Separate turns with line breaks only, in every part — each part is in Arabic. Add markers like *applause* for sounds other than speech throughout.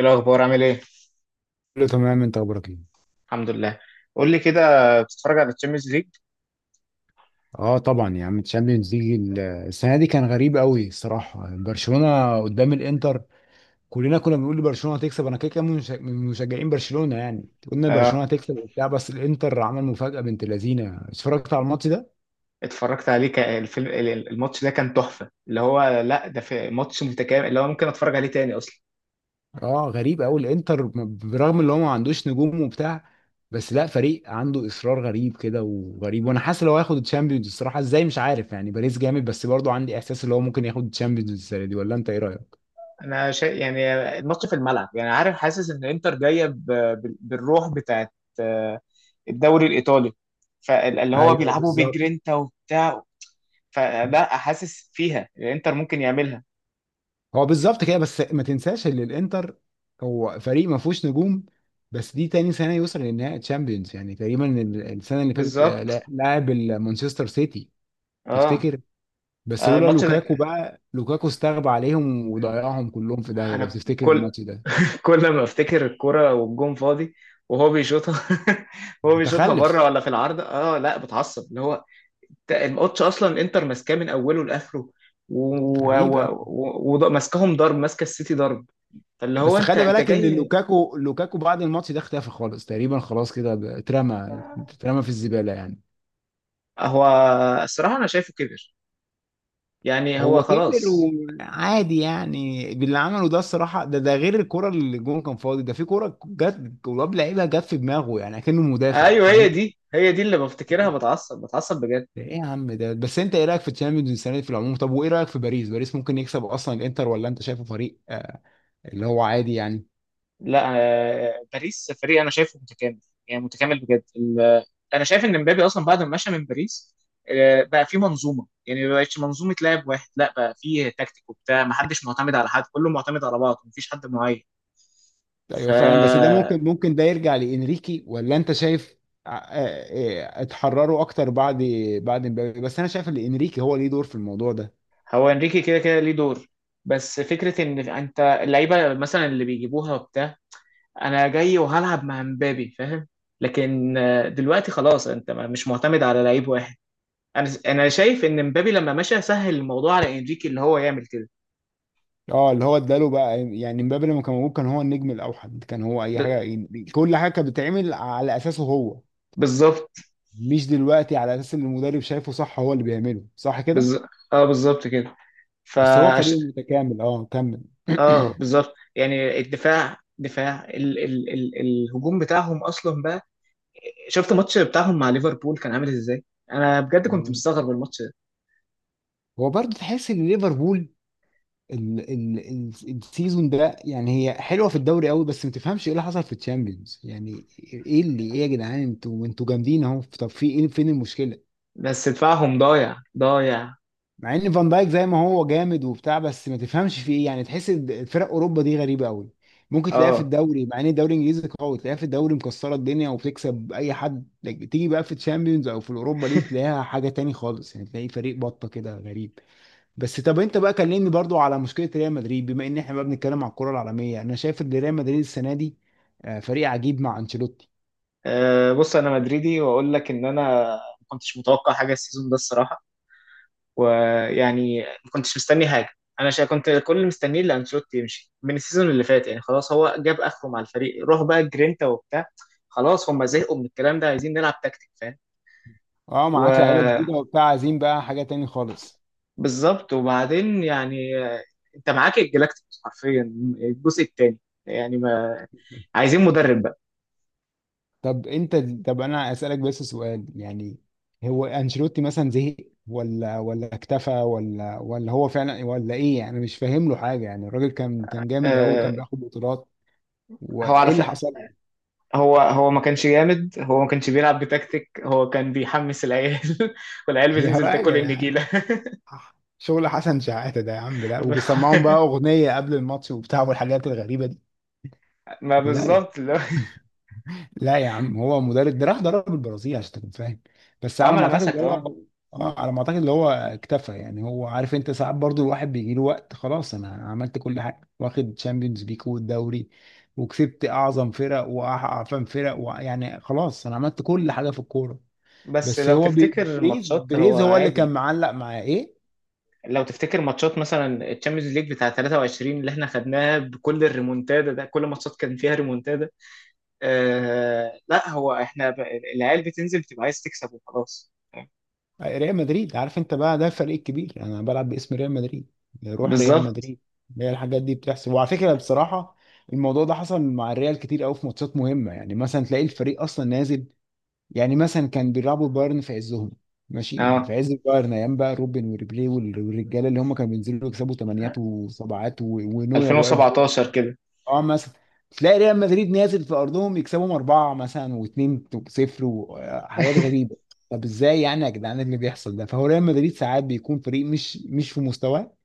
ايه الاخبار، عامل ايه؟
كله تمام، انت اخبارك ايه؟
الحمد لله. قول لي كده، بتتفرج على الشامبيونز ليج؟
اه طبعا يا عم، الشامبيونز ليج السنه دي كان غريب قوي الصراحه. برشلونه قدام الانتر، كلنا كنا بنقول برشلونه هتكسب، انا كده كده من من مشجعين برشلونه يعني، قلنا
اه.
برشلونه هتكسب وبتاع، بس الانتر عمل مفاجاه بنت لذينه. اتفرجت على الماتش ده؟
اتفرجت عليه الماتش ده كان تحفه، اللي هو لا، ده في ماتش متكامل اللي هو ممكن اتفرج عليه تاني اصلا.
اه غريب قوي الانتر، برغم ان هو ما عندوش نجوم وبتاع، بس لا فريق عنده اصرار غريب كده وغريب، وانا حاسس لو هياخد الشامبيونز الصراحه، ازاي مش عارف يعني، باريس جامد بس برضه عندي احساس ان هو ممكن ياخد الشامبيونز السنه دي، ولا انت ايه رايك؟
انا شيء يعني، الماتش في الملعب، يعني عارف، حاسس ان انتر جايه بالروح بتاعت آه، الدوري الايطالي، فاللي هو
ايوه
بيلعبوا
بالظبط.
بجرينتا وبتاع، فلا حاسس فيها الانتر ممكن يعملها.
هو بالظبط كده، بس ما تنساش ان الانتر هو فريق ما فيهوش نجوم، بس دي تاني سنه يوصل لنهائي تشامبيونز، يعني تقريبا السنه اللي فاتت
بالظبط.
لعب مانشستر سيتي.
اه.
تفتكر، بس لولا
الماتش ده
لوكاكو بقى، لوكاكو استغبى عليهم وضيعهم كلهم في داهيه، لو
انا
تفتكر
كل
الماتش ده.
كل ما افتكر الكرة والجون فاضي وهو بيشوطها *laughs* وهو بيشوطها
متخلف.
بره ولا في العارضة، اه لا بتعصب اللي هو. انت الماتش اصلا الانتر ماسكاه من اوله لاخره، وماسكاهم
غريب أوي.
وماسكاهم ضرب، ماسكه السيتي ضرب، فاللي هو
بس
انت
خلي
انت
بالك ان
جاي.
لوكاكو، لوكاكو بعد الماتش ده اختفى خالص تقريبا، خلاص كده اترمى، اترمى في الزباله يعني.
هو الصراحة انا شايفه كبر، يعني هو
هو كبر
خلاص.
وعادي يعني، باللي عمله ده الصراحه، ده ده غير الكره اللي الجون كان فاضي، ده في كره جت ولاب لعيبه جت في دماغه يعني، كأنه مدافع
ايوه، هي
فاهم.
دي هي دي اللي بفتكرها، بتعصب بتعصب بجد.
ده ايه يا عم ده؟ بس انت ايه رايك في تشامبيونز السنه دي في العموم؟ طب وايه رايك في باريس؟ باريس ممكن يكسب اصلا الانتر، ولا انت شايفه فريق آه اللي هو عادي يعني.
لا، باريس فريق انا شايفه متكامل، يعني متكامل بجد انا شايف ان مبابي اصلا بعد ما مشى من باريس بقى في منظومه، يعني ما بقتش منظومه لاعب واحد، لا بقى في تكتيك وبتاع، ما حدش معتمد على حد، كله معتمد على بعض، مفيش حد معين
ايوه فعلا، بس ده
فهو.
ممكن، ممكن ده يرجع لانريكي، ولا انت شايف؟ آه آه اتحرروا اكتر بعد، بعد مبابي، بس انا شايف ان انريكي هو ليه دور في الموضوع ده.
انريكي كده كده ليه دور، بس فكره ان انت اللعيبه مثلا اللي بيجيبوها وبتاع، انا جاي وهلعب مع مبابي فاهم، لكن دلوقتي خلاص انت مش معتمد على لعيب واحد. انا شايف ان مبابي لما مشى سهل الموضوع على انريكي اللي هو يعمل كده.
اه اللي هو اداله بقى يعني، مبابي لما كان موجود كان هو النجم الاوحد، كان هو اي
ب...
حاجه يعني، كل حاجه كانت بتتعمل على اساسه هو،
بالظبط.
مش دلوقتي على اساس اللي المدرب شايفه صح هو اللي بيعمله صح كده.
بز... اه بالظبط كده. ف
بس هو فريق متكامل، اه كمل.
اه
*clears throat*
بالظبط، يعني الدفاع دفاع ال... ال... ال... الهجوم بتاعهم اصلا بقى. شفت الماتش بتاعهم مع ليفربول كان عامل ازاي؟ انا بجد كنت
تمام.
مستغرب الماتش ده،
هو برضه تحس ان ليفربول ال السيزون ده، يعني هي حلوه في الدوري قوي، بس ما تفهمش ايه اللي حصل في الشامبيونز يعني، ايه اللي ايه يا جدعان، انتوا جامدين اهو، طب في ايه فين المشكله؟
بس دفاعهم ضايع ضايع.
مع ان فان دايك زي ما هو جامد وبتاع، بس ما تفهمش في ايه يعني، تحس إن فرق اوروبا دي غريبه قوي، ممكن تلاقيها في
اه.
الدوري، مع ان الدوري الانجليزي قوي، تلاقيها في الدوري مكسره الدنيا وبتكسب اي حد، تيجي بقى في تشامبيونز او في الاوروبا ليج، تلاقيها حاجه تاني خالص يعني، تلاقي فريق بطه كده غريب. بس طب انت بقى كلمني برضو على مشكله ريال مدريد، بما ان احنا بقى بنتكلم على الكره العالميه، انا شايف ان ريال مدريد السنه دي فريق عجيب مع انشيلوتي.
بص انا مدريدي واقول لك ان انا ما كنتش متوقع حاجه السيزون ده الصراحه، ويعني ما كنتش مستني حاجه. انا كنت كل اللي مستنيه اللي انشيلوتي يمشي من السيزون اللي فات، يعني خلاص هو جاب اخره مع الفريق، روح بقى جرينتا وبتاع. خلاص هم زهقوا من الكلام ده، عايزين نلعب تكتيك فاهم.
اه معاك لعيبه
وبالظبط.
جديده وبتاع، عايزين بقى حاجه تاني خالص.
وبعدين يعني انت معاك الجلاكتيكوس حرفيا، الجزء الثاني، يعني ما عايزين مدرب بقى.
طب انت طب انا اسالك بس سؤال يعني، هو انشيلوتي مثلا زهق، ولا ولا اكتفى، ولا ولا هو فعلا، ولا ايه يعني؟ أنا مش فاهم له حاجه يعني، الراجل كان جامد قوي،
آه،
كان بياخد بطولات،
هو على
وايه اللي حصل له؟
هو ما كانش جامد، هو ما كانش بيلعب بتكتيك، هو كان بيحمس العيال *laughs* والعيال
*laughs* يا
بتنزل تاكل
راجل،
النجيله.
شغل حسن شحاته ده يا عم ده، وبيسمعهم بقى
*laughs*
اغنيه قبل الماتش وبتاع والحاجات الغريبه دي.
ما
لا
بالظبط اللي هو.
لا يا عم، هو مدرب ده راح درب البرازيل عشان تكون فاهم، بس
اه
على
ما
ما اعتقد اللي
لمسك.
هو،
اه
اه على ما اعتقد اللي هو اكتفى يعني، هو عارف، انت ساعات برضو الواحد بيجي له وقت، خلاص انا عملت كل حاجه، واخد تشامبيونز ليج والدوري، وكسبت اعظم فرق واعفن فرق و... يعني خلاص انا عملت كل حاجه في الكوره.
بس
بس
لو
هو
تفتكر
بريز،
الماتشات هو
بريز هو اللي كان
عادي،
معلق معاه ايه؟
لو تفتكر ماتشات مثلا الشامبيونز ليج بتاع 23 اللي احنا خدناها بكل الريمونتادا ده، كل ماتشات كان فيها ريمونتادا. آه لا هو احنا العيال بتنزل بتبقى عايز تكسب وخلاص.
ريال مدريد، عارف انت بقى، ده الفريق الكبير، انا بلعب باسم ريال مدريد، روح ريال
بالظبط.
مدريد. هي الحاجات دي بتحصل، وعلى فكره بصراحه الموضوع ده حصل مع الريال كتير قوي في ماتشات مهمه، يعني مثلا تلاقي الفريق اصلا نازل، يعني مثلا كان بيلعبوا بايرن في عزهم، ماشي
اه
في عز البايرن، ايام بقى روبن وريبيري والرجاله، اللي هم كانوا بينزلوا يكسبوا ثمانيات وسبعات ونوير واقف،
2017 كده.
اه مثلا، تلاقي ريال مدريد نازل في ارضهم يكسبهم اربعه مثلا واتنين صفر وحاجات غريبه. طب ازاي يعني يا جدعان؟ إيه اللي بيحصل ده؟ فهو ريال مدريد ساعات بيكون فريق مش في مستواه،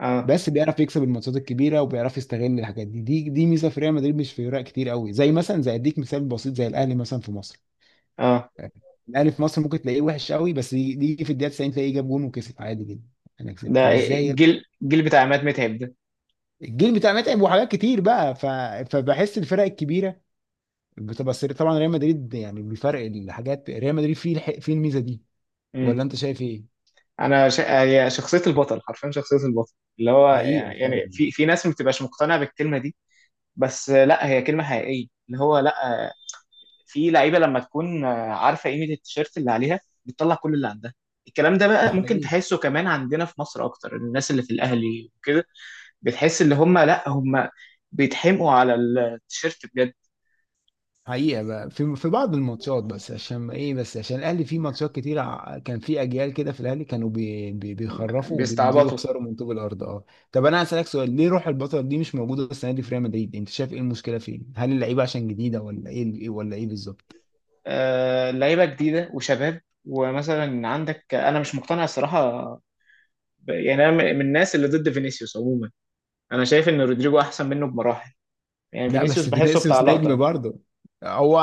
اه
بس بيعرف يكسب الماتشات الكبيره، وبيعرف يستغل الحاجات دي، دي ميزه في ريال مدريد مش في فرق كتير قوي، زي مثلا، زي اديك مثال بسيط، زي الاهلي مثلا في مصر.
اه،
الاهلي في مصر ممكن تلاقيه وحش قوي، بس يجي، يجي في الدقيقه 90 تلاقيه جاب جون وكسب عادي جدا. انا كسبت،
ده
طب ازاي يا ابني؟
الجيل بتاع عماد متعب ده.
الجيل بتاع متعب، وحاجات كتير بقى ف... فبحس الفرق الكبيره بتبقى سري طبعا، ريال مدريد يعني بيفرق الحاجات، ريال مدريد فيه فيه الميزه دي، ولا
امم
انت شايف ايه؟
انا هي شخصيه البطل حرفيا، شخصيه البطل اللي هو،
حقيقه
يعني
فعلا.
في ناس ما بتبقاش مقتنعه بالكلمه دي، بس لا هي كلمة حقيقية اللي هو لا، في لعيبة لما تكون عارفة قيمة التيشيرت اللي عليها بتطلع كل اللي عندها. الكلام ده
ده
بقى ممكن
حقيقي.
تحسه كمان عندنا في مصر، اكتر الناس اللي في الاهلي وكده، بتحس اللي هم لا هم بيتحمقوا على التيشيرت بجد.
حقيقه بقى في في بعض الماتشات، بس عشان ايه؟ بس عشان الاهلي فيه ماتشات كتير، كان فيه اجيال كده في الاهلي كانوا بي بيخرفوا وبينزلوا
بيستعبطوا.
يخسروا من طوب الارض اه. طب انا هسالك سؤال، ليه روح البطل دي مش موجوده السنه دي في ريال مدريد؟ انت شايف ايه المشكله فين؟ هل اللعيبه عشان جديده ولا ايه، ولا ايه بالظبط؟
لعيبه جديده وشباب، ومثلا عندك، انا مش مقتنع الصراحه، يعني انا من الناس اللي ضد فينيسيوس عموما، انا شايف ان رودريجو احسن منه بمراحل، يعني
لا
فينيسيوس
بس
بحسه بتاع
فينيسيوس نجم
لقطه.
برضه، هو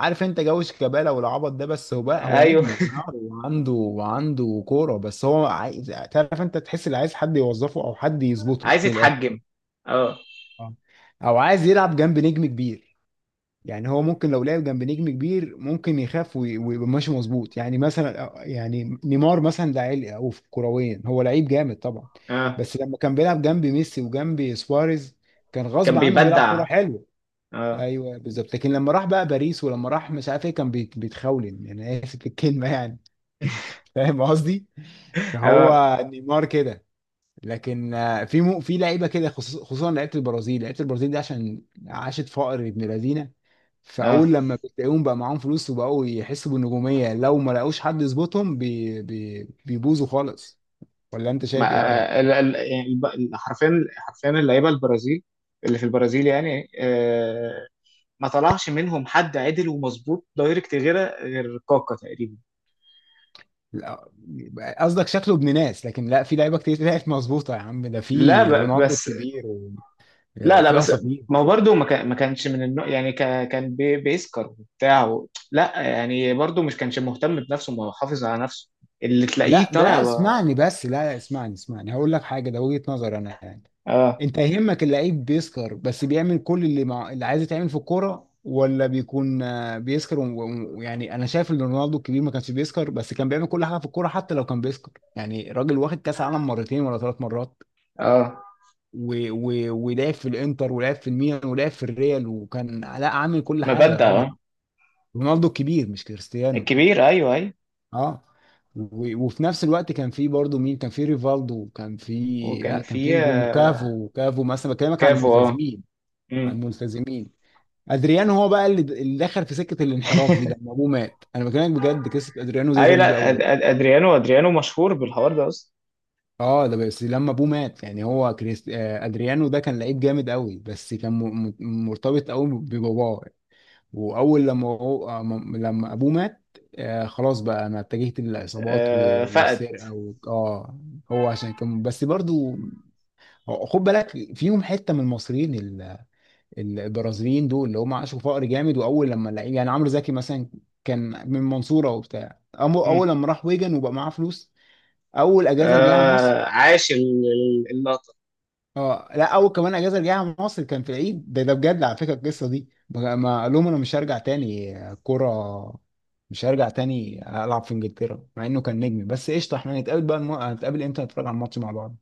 عارف انت جو شيكابالا والعبط ده، بس هو بقى، هو
ايوه،
نجم ونار وعنده وعنده كوره، بس هو عايز، تعرف انت تحس اللي عايز حد يوظفه او حد يظبطه
عايز
من الاخر.
يتحجم. اه
اه. او عايز يلعب جنب نجم كبير، يعني هو ممكن لو لعب جنب نجم كبير ممكن يخاف ويبقى ماشي مظبوط، يعني مثلا يعني نيمار مثلا ده عيل او في كرويا، هو لعيب جامد طبعا،
اه
بس لما كان بيلعب جنب ميسي وجنب سواريز كان غصب
كان
عنه بيلعب كوره
بيبدع.
حلوه.
اه
ايوه بالظبط، لكن لما راح بقى باريس ولما راح مش عارف ايه، كان بيتخولن يعني، انا اسف في الكلمه يعني، *laughs* فاهم قصدي،
اه
فهو نيمار كده. لكن آه، في مو في لعيبه كده خصوصا لعيبه البرازيل، لعيبه البرازيل دي عشان عاشت فقر ابن لذينه،
اه،
فاول لما بتلاقيهم بقى معاهم فلوس وبقوا يحسوا بالنجوميه، لو ما لقوش حد يظبطهم بي بيبوظوا خالص، ولا انت
ما
شايف ايه رايك؟
يعني حرفيا، حرفيا اللعيبه البرازيل، اللي في البرازيل، يعني آه، ما طلعش منهم حد عدل ومظبوط دايركت، غير كاكا تقريبا.
لا قصدك شكله ابن ناس، لكن لا في لعيبه كتير طلعت مظبوطه يا عم، ده
لا
في رونالدو
بس،
الكبير،
لا لا
وفي
بس
اساطير.
ما هو برضه ما كانش من النوع، يعني كان بيسكر وبتاع لا يعني برضه مش كانش مهتم بنفسه، ما هو حافظ على نفسه، اللي تلاقيه
لا
طالع
لا اسمعني بس، لا لا اسمعني، اسمعني هقول لك حاجه، ده وجهه نظر انا يعني،
اه
انت يهمك اللعيب بيسكر، بس بيعمل كل اللي مع... اللي عايز يتعمل في الكوره، ولا بيكون آه، بيسكر و- و- يعني، انا شايف ان رونالدو الكبير ما كانش بيسكر، بس كان بيعمل كل حاجه في الكوره، حتى لو كان بيسكر يعني، راجل واخد كاس عالم مرتين ولا ثلاث مرات
اه
و... و... ولعب في الانتر، ولعب في الميلان، ولعب في الريال، وكان لا عامل كل حاجه يا راجل.
مبدع.
رونالدو الكبير مش كريستيانو.
الكبير، ايوه ايوه،
اه و- وفي نفس الوقت كان في برضه مين؟ كان في ريفالدو، وكان في،
وكان
لا كان في
في
نجوم، وكافو، كافو مثلا بكلمك عن
كافو. اه.
الملتزمين، عن
مم.
الملتزمين. ادريانو هو بقى اللي دخل في سكه الانحراف دي
*laughs*
لما ابوه مات، انا بكلمك بجد قصه ادريانو دي
ايوه،
غريبه
لا
قوي.
ادريانو، ادريانو مشهور بالحوار ده اصلا.
اه ده بس لما ابوه مات يعني، هو كريست... آه، ادريانو ده كان لعيب جامد قوي، بس كان م... مرتبط قوي بباباه، واول لما هو م- لما ابوه مات، آه خلاص بقى انا اتجهت للعصابات و-
فقد.
والسرقه و... اه. هو عشان كان بس برضو هو- خد بالك فيهم حته من المصريين البرازيليين دول اللي هم عاشوا فقر جامد، واول لما لقي، يعني عمرو زكي مثلا كان من المنصوره وبتاع،
مم.
اول لما راح ويجن وبقى معاه فلوس، اول اجازه رجع مصر.
عاش اللقطه.
اه لا اول كمان اجازه رجعها مصر كان في العيد ده، ده بجد على فكره القصه دي، بقى- ما قال لهم انا مش هرجع تاني كوره، مش هرجع تاني العب في انجلترا مع انه كان نجم، بس قشطه، احنا هنتقابل بقى الم... هنتقابل امتى نتفرج على الماتش مع بعض؟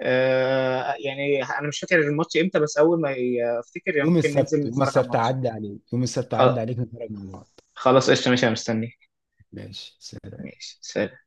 يعني انا مش فاكر الماتش امتى، بس اول ما افتكر يعني
يوم
ممكن ننزل
السبت، يوم
نتفرج على
السبت
الماتش.
عدى عليك، يوم السبت
خل-
عدى عليك نتفرج مع بعض.
خلاص قشطه، ماشي، انا مستنيك.
ماشي سلام.
ماشي، سلام.